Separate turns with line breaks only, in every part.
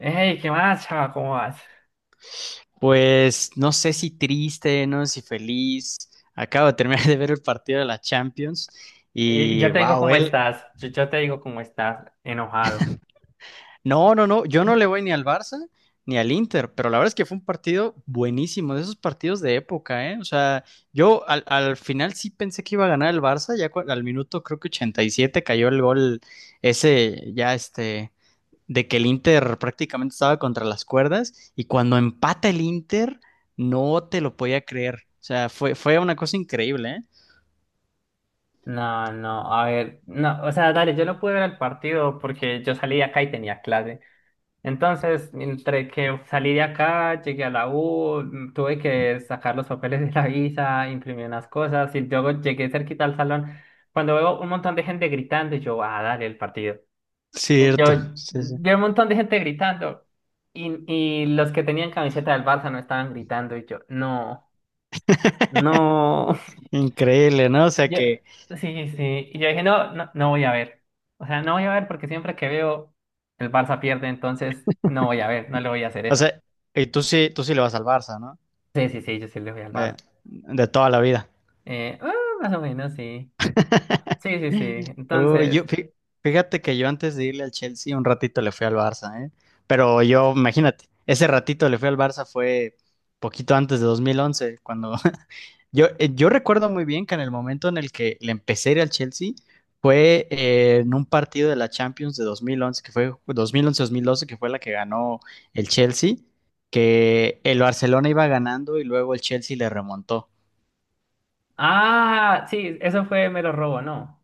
Hey, ¿qué más, chava? ¿Cómo vas?
Pues no sé si triste, no sé si feliz. Acabo de terminar de ver el partido de la Champions
Y
y
yo te digo
wow,
cómo
él.
estás. Yo te digo cómo estás, enojado.
No, no, no, yo no le voy ni al Barça ni al Inter, pero la verdad es que fue un partido buenísimo, de esos partidos de época, ¿eh? O sea, yo al final sí pensé que iba a ganar el Barça, al minuto creo que 87 cayó el gol ese, ya este, de que el Inter prácticamente estaba contra las cuerdas y cuando empata el Inter no te lo podía creer. O sea, fue una cosa increíble, ¿eh?
No, no, a ver, no, o sea, dale, yo no pude ver el partido porque yo salí de acá y tenía clase. Entonces, entre que salí de acá, llegué a la U, tuve que sacar los papeles de la visa, imprimir unas cosas y luego llegué cerquita al salón. Cuando veo un montón de gente gritando, yo, ah, dale, el partido. Yo
Cierto, sí, sí.
vi un montón de gente gritando y, y los que tenían camiseta del Barça no estaban gritando y yo, no, no.
Increíble, ¿no? O sea
Yo,
que,
sí, sí, y yo dije, no, no, no voy a ver, o sea, no voy a ver porque siempre que veo el Barça pierde, entonces no voy a ver, no le voy a hacer
o
eso.
sea, y tú sí le vas al Barça, ¿no?
Sí, sí, sí, yo sí le voy al
De,
Barça.
de toda la vida.
Eh, ah, más o menos, sí. Sí, sí, sí,
Uy,
entonces,
fíjate que yo antes de irle al Chelsea un ratito le fui al Barça, ¿eh? Pero yo, imagínate, ese ratito le fui al Barça fue poquito antes de 2011, cuando yo, yo recuerdo muy bien que en el momento en el que le empecé a ir al Chelsea fue en un partido de la Champions de 2011 que fue dos mil once mil doce que fue la que ganó el Chelsea, que el Barcelona iba ganando y luego el Chelsea le remontó.
ah, sí, eso fue mero robo, ¿no?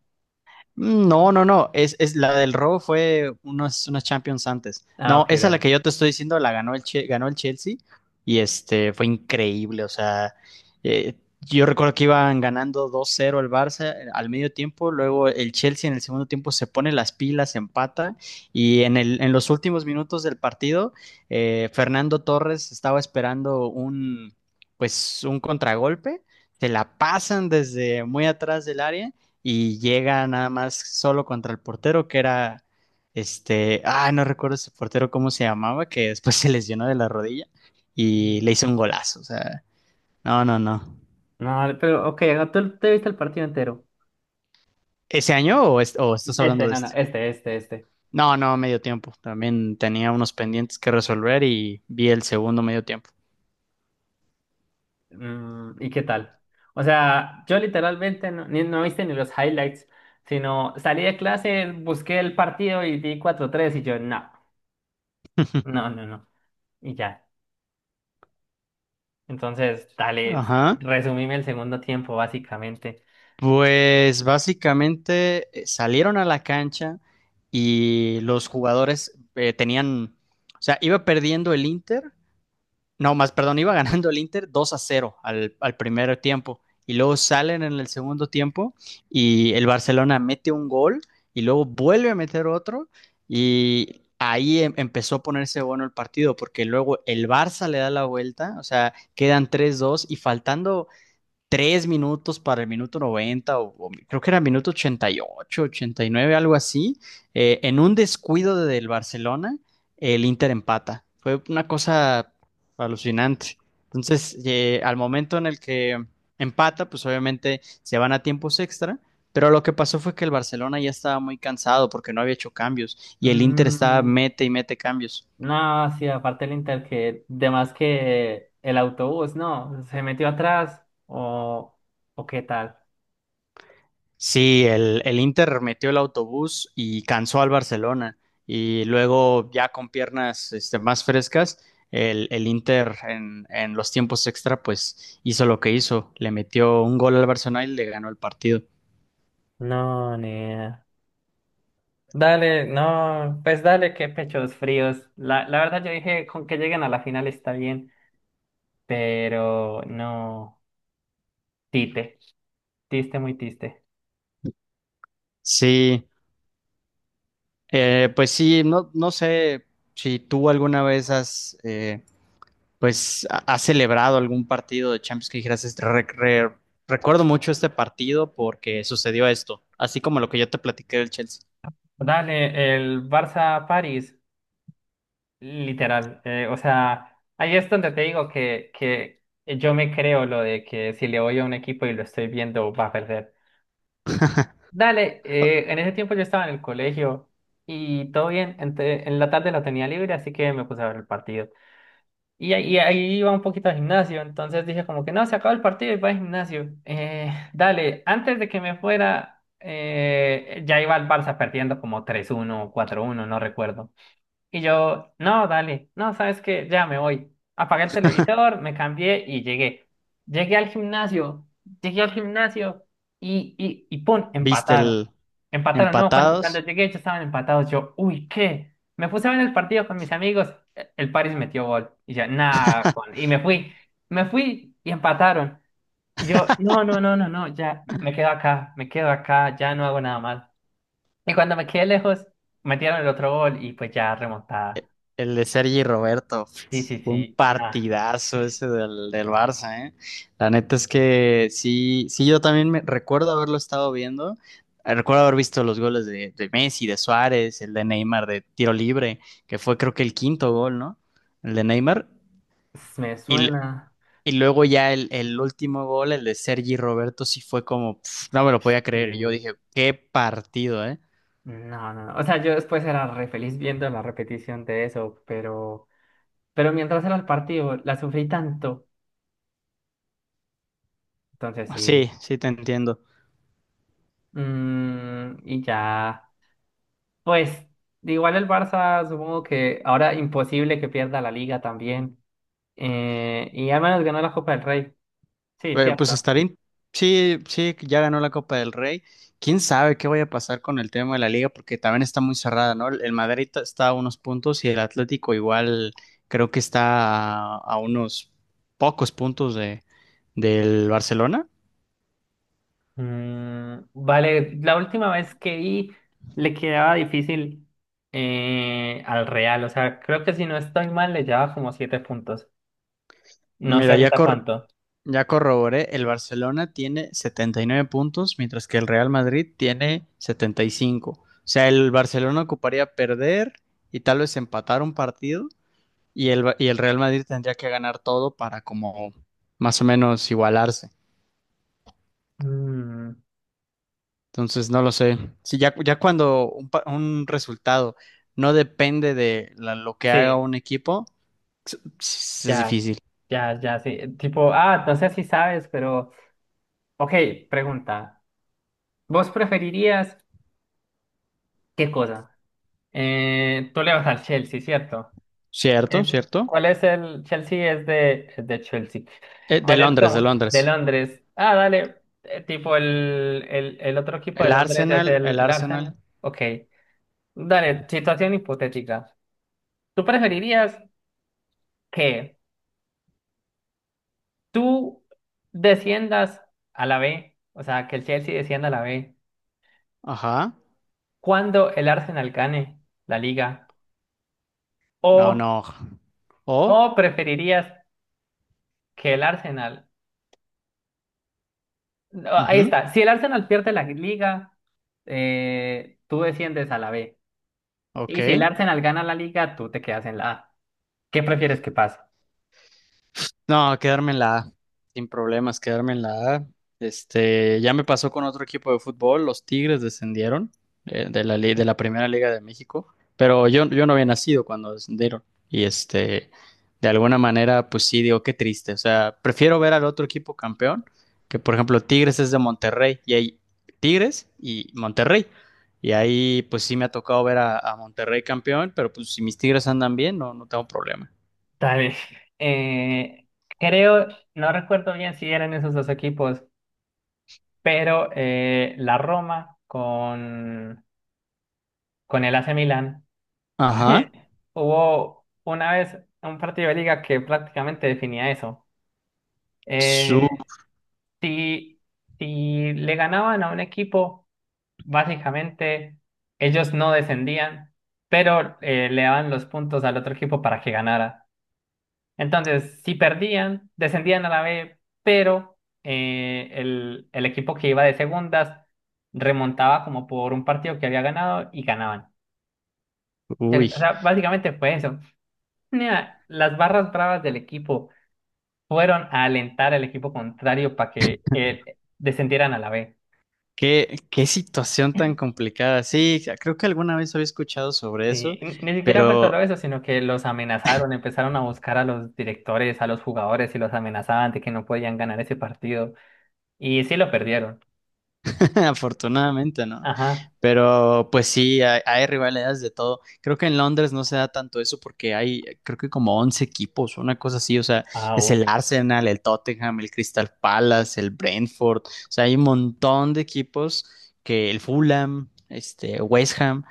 No, no, no. Es la del robo fue unos Champions antes.
Ah,
No,
ok,
esa la
dale.
que yo te estoy diciendo la ganó ganó el Chelsea y este fue increíble. O sea, eh, yo recuerdo que iban ganando 2-0 el Barça al medio tiempo. Luego el Chelsea en el segundo tiempo se pone las pilas, empata y en los últimos minutos del partido, Fernando Torres estaba esperando pues, un contragolpe. Se la pasan desde muy atrás del área y llega nada más solo contra el portero que era este, ah, no recuerdo ese portero cómo se llamaba, que después se lesionó de la rodilla
Mm.
y le hizo un golazo, o sea, no, no, no.
No, dale, pero ok, no, tú te viste el partido entero.
¿Ese año o, o estás hablando
Este,
de
no, no,
este?
este, este, este.
No, no, medio tiempo. También tenía unos pendientes que resolver y vi el segundo medio tiempo.
Mm, ¿y qué tal? O sea, yo literalmente no, no viste ni los highlights, sino salí de clase, busqué el partido y di cuatro tres y yo, no, no, no, no. Y ya. Entonces, dale,
Ajá.
resumime el segundo tiempo, básicamente.
Pues básicamente salieron a la cancha y los jugadores tenían, o sea, iba perdiendo el Inter. No, más, perdón, iba ganando el Inter 2-0 al primer tiempo. Y luego salen en el segundo tiempo y el Barcelona mete un gol y luego vuelve a meter otro. Y ahí empezó a ponerse bueno el partido porque luego el Barça le da la vuelta, o sea, quedan tres dos y faltando tres minutos para el minuto 90, o creo que era minuto ochenta ochenta y nueve, algo así, en un descuido del Barcelona, el Inter empata. Fue una cosa alucinante. Entonces, al momento en el que empata, pues obviamente se van a tiempos extra. Pero lo que pasó fue que el Barcelona ya estaba muy cansado porque no había hecho cambios y el Inter estaba
Mm,
mete y mete cambios.
no, sí, aparte el Inter, que de más que el autobús, no, se metió atrás o qué tal.
Sí, el Inter metió el autobús y cansó al Barcelona. Y luego, ya con piernas este, más frescas, el Inter en los tiempos extra, pues hizo lo que hizo. Le metió un gol al Barcelona y le ganó el partido.
No, ni idea. Dale, no, pues dale, qué pechos fríos. La verdad yo dije con que lleguen a la final está bien, pero no, tite, tiste muy tiste.
Sí, pues sí, no, no sé si tú alguna vez has, pues, has celebrado algún partido de Champions que dijeras, "Este, recuerdo mucho este partido porque sucedió esto, así como lo que yo te platiqué del Chelsea.
Dale, el Barça-París, literal, o sea, ahí es donde te digo que yo me creo lo de que si le voy a un equipo y lo estoy viendo va a perder. Dale, en ese tiempo yo estaba en el colegio y todo bien, en la tarde la tenía libre, así que me puse a ver el partido. Y, y ahí iba un poquito al gimnasio, entonces dije como que no, se acabó el partido y va al gimnasio. Dale, antes de que me fuera, ya iba el Barça perdiendo como tres uno o cuatro uno no recuerdo. Y yo, no, dale, no, sabes que ya me voy. Apagué el televisor, me cambié y llegué. Llegué al gimnasio, llegué al gimnasio y pum,
Viste
empataron.
el
Empataron, no, cuando, cuando
empatados,
llegué ya estaban empatados. Yo, uy, ¿qué? Me puse a ver el partido con mis amigos, el Paris metió gol. Y yo, nada, y me fui y empataron. Y yo, no, no, no, no, no, ya me quedo acá, ya no hago nada más. Y cuando me quedé lejos, metieron el otro gol y pues ya remontada.
e- el de Sergi y Roberto.
Sí, sí,
Fue un
sí, nada,
partidazo ese del Barça, ¿eh? La neta es que sí, sí, yo también me recuerdo haberlo estado viendo. Recuerdo haber visto los goles de Messi, de Suárez, el de Neymar de tiro libre, que fue creo que el quinto gol, ¿no? El de Neymar.
me
Y,
suena.
y luego ya el último gol, el de Sergi y Roberto, sí fue como, pf, no me lo podía
Sí,
creer. Yo dije, qué partido, ¿eh?
no, no, no. O sea, yo después era re feliz viendo la repetición de eso, pero mientras era el partido, la sufrí tanto. Entonces sí.
Sí, sí te entiendo.
Mm, y ya. Pues, igual el Barça, supongo que ahora imposible que pierda la liga también. Y al menos ganó la Copa del Rey. Sí,
Pues
cierto.
estaría. Sí, sí, que ya ganó la Copa del Rey. ¿Quién sabe qué vaya a pasar con el tema de la liga? Porque también está muy cerrada, ¿no? El Madrid está a unos puntos y el Atlético igual creo que está a unos pocos puntos del Barcelona.
Mm, vale, la última vez que vi le quedaba difícil al Real, o sea, creo que si no estoy mal le llevaba como 7 puntos. No sé
Mira, ya,
ahorita cuánto.
ya corroboré, el Barcelona tiene 79 puntos, mientras que el Real Madrid tiene 75. O sea, el Barcelona ocuparía perder y tal vez empatar un partido y y el Real Madrid tendría que ganar todo para como más o menos igualarse.
Mm,
Entonces, no lo sé. Si ya, ya cuando un resultado no depende de lo que haga
sí,
un equipo, es
ya,
difícil.
ya, sí. Tipo, ah, no sé si sabes, pero, ok, pregunta. ¿Vos preferirías qué cosa? Tú le vas al Chelsea, ¿cierto?
¿Cierto? ¿Cierto?
¿Cuál es el Chelsea? Es de Chelsea.
De
¿Cuál es
Londres, de
como? De
Londres.
Londres. Ah, dale. Tipo el otro equipo de
El
Londres es
Arsenal, el
el
Arsenal.
Arsenal. Ok. Dale, situación hipotética. ¿Tú preferirías que tú desciendas a la B? O sea, que el Chelsea descienda a la B
Ajá.
cuando el Arsenal gane la liga.
No,
O,
no. O.
o preferirías que el Arsenal no, ahí
Ujú.
está. Si el Arsenal pierde la liga, tú desciendes a la B.
Ok.
Y si el Arsenal gana la liga, tú te quedas en la A. ¿Qué prefieres que pase?
No, quedarme en la A, sin problemas, quedarme en la A. Este, ya me pasó con otro equipo de fútbol, los Tigres descendieron de la Primera Liga de México, pero yo no había nacido cuando descendieron y este, de alguna manera, pues sí, digo, qué triste, o sea, prefiero ver al otro equipo campeón, que por ejemplo Tigres es de Monterrey y hay Tigres y Monterrey. Y ahí pues sí me ha tocado ver a Monterrey campeón, pero pues si mis Tigres andan bien, no, no tengo problema.
Dale. Eh, creo, no recuerdo bien si eran esos dos equipos, pero la Roma con el AC Milan
Ajá.
hubo una vez un partido de liga que prácticamente definía eso. Eh, si, si le ganaban a un equipo básicamente, ellos no descendían, pero le daban los puntos al otro equipo para que ganara. Entonces, si perdían, descendían a la B, pero el equipo que iba de segundas remontaba como por un partido que había ganado y ganaban.
Uy,
O sea, básicamente fue eso. Nea, las barras bravas del equipo fueron a alentar al equipo contrario para que descendieran a la B.
qué situación tan complicada. Sí, creo que alguna vez había escuchado sobre
Sí,
eso,
ni siquiera fue
pero
solo eso, sino que los amenazaron, empezaron a buscar a los directores, a los jugadores y los amenazaban de que no podían ganar ese partido. Y sí lo perdieron.
afortunadamente no.
Ajá.
Pero pues sí, hay rivalidades de todo. Creo que en Londres no se da tanto eso porque hay, creo que como 11 equipos, una cosa así. O sea,
Ah,
es el
uy.
Arsenal, el Tottenham, el Crystal Palace, el Brentford. O sea, hay un montón de equipos que el Fulham, este, West Ham,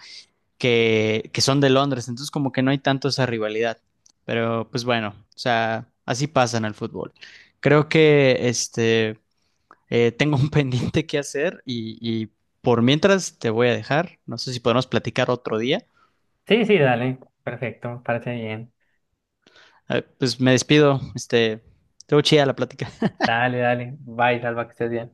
que son de Londres, entonces como que no hay tanto esa rivalidad. Pero pues bueno, o sea, así pasa en el fútbol. Creo que este tengo un pendiente que hacer y por mientras te voy a dejar. No sé si podemos platicar otro día.
Sí, sí, dale. Perfecto, me parece bien.
Pues me despido, este, estuvo chida la plática.
Dale, dale. Bye, Salva, que estés bien.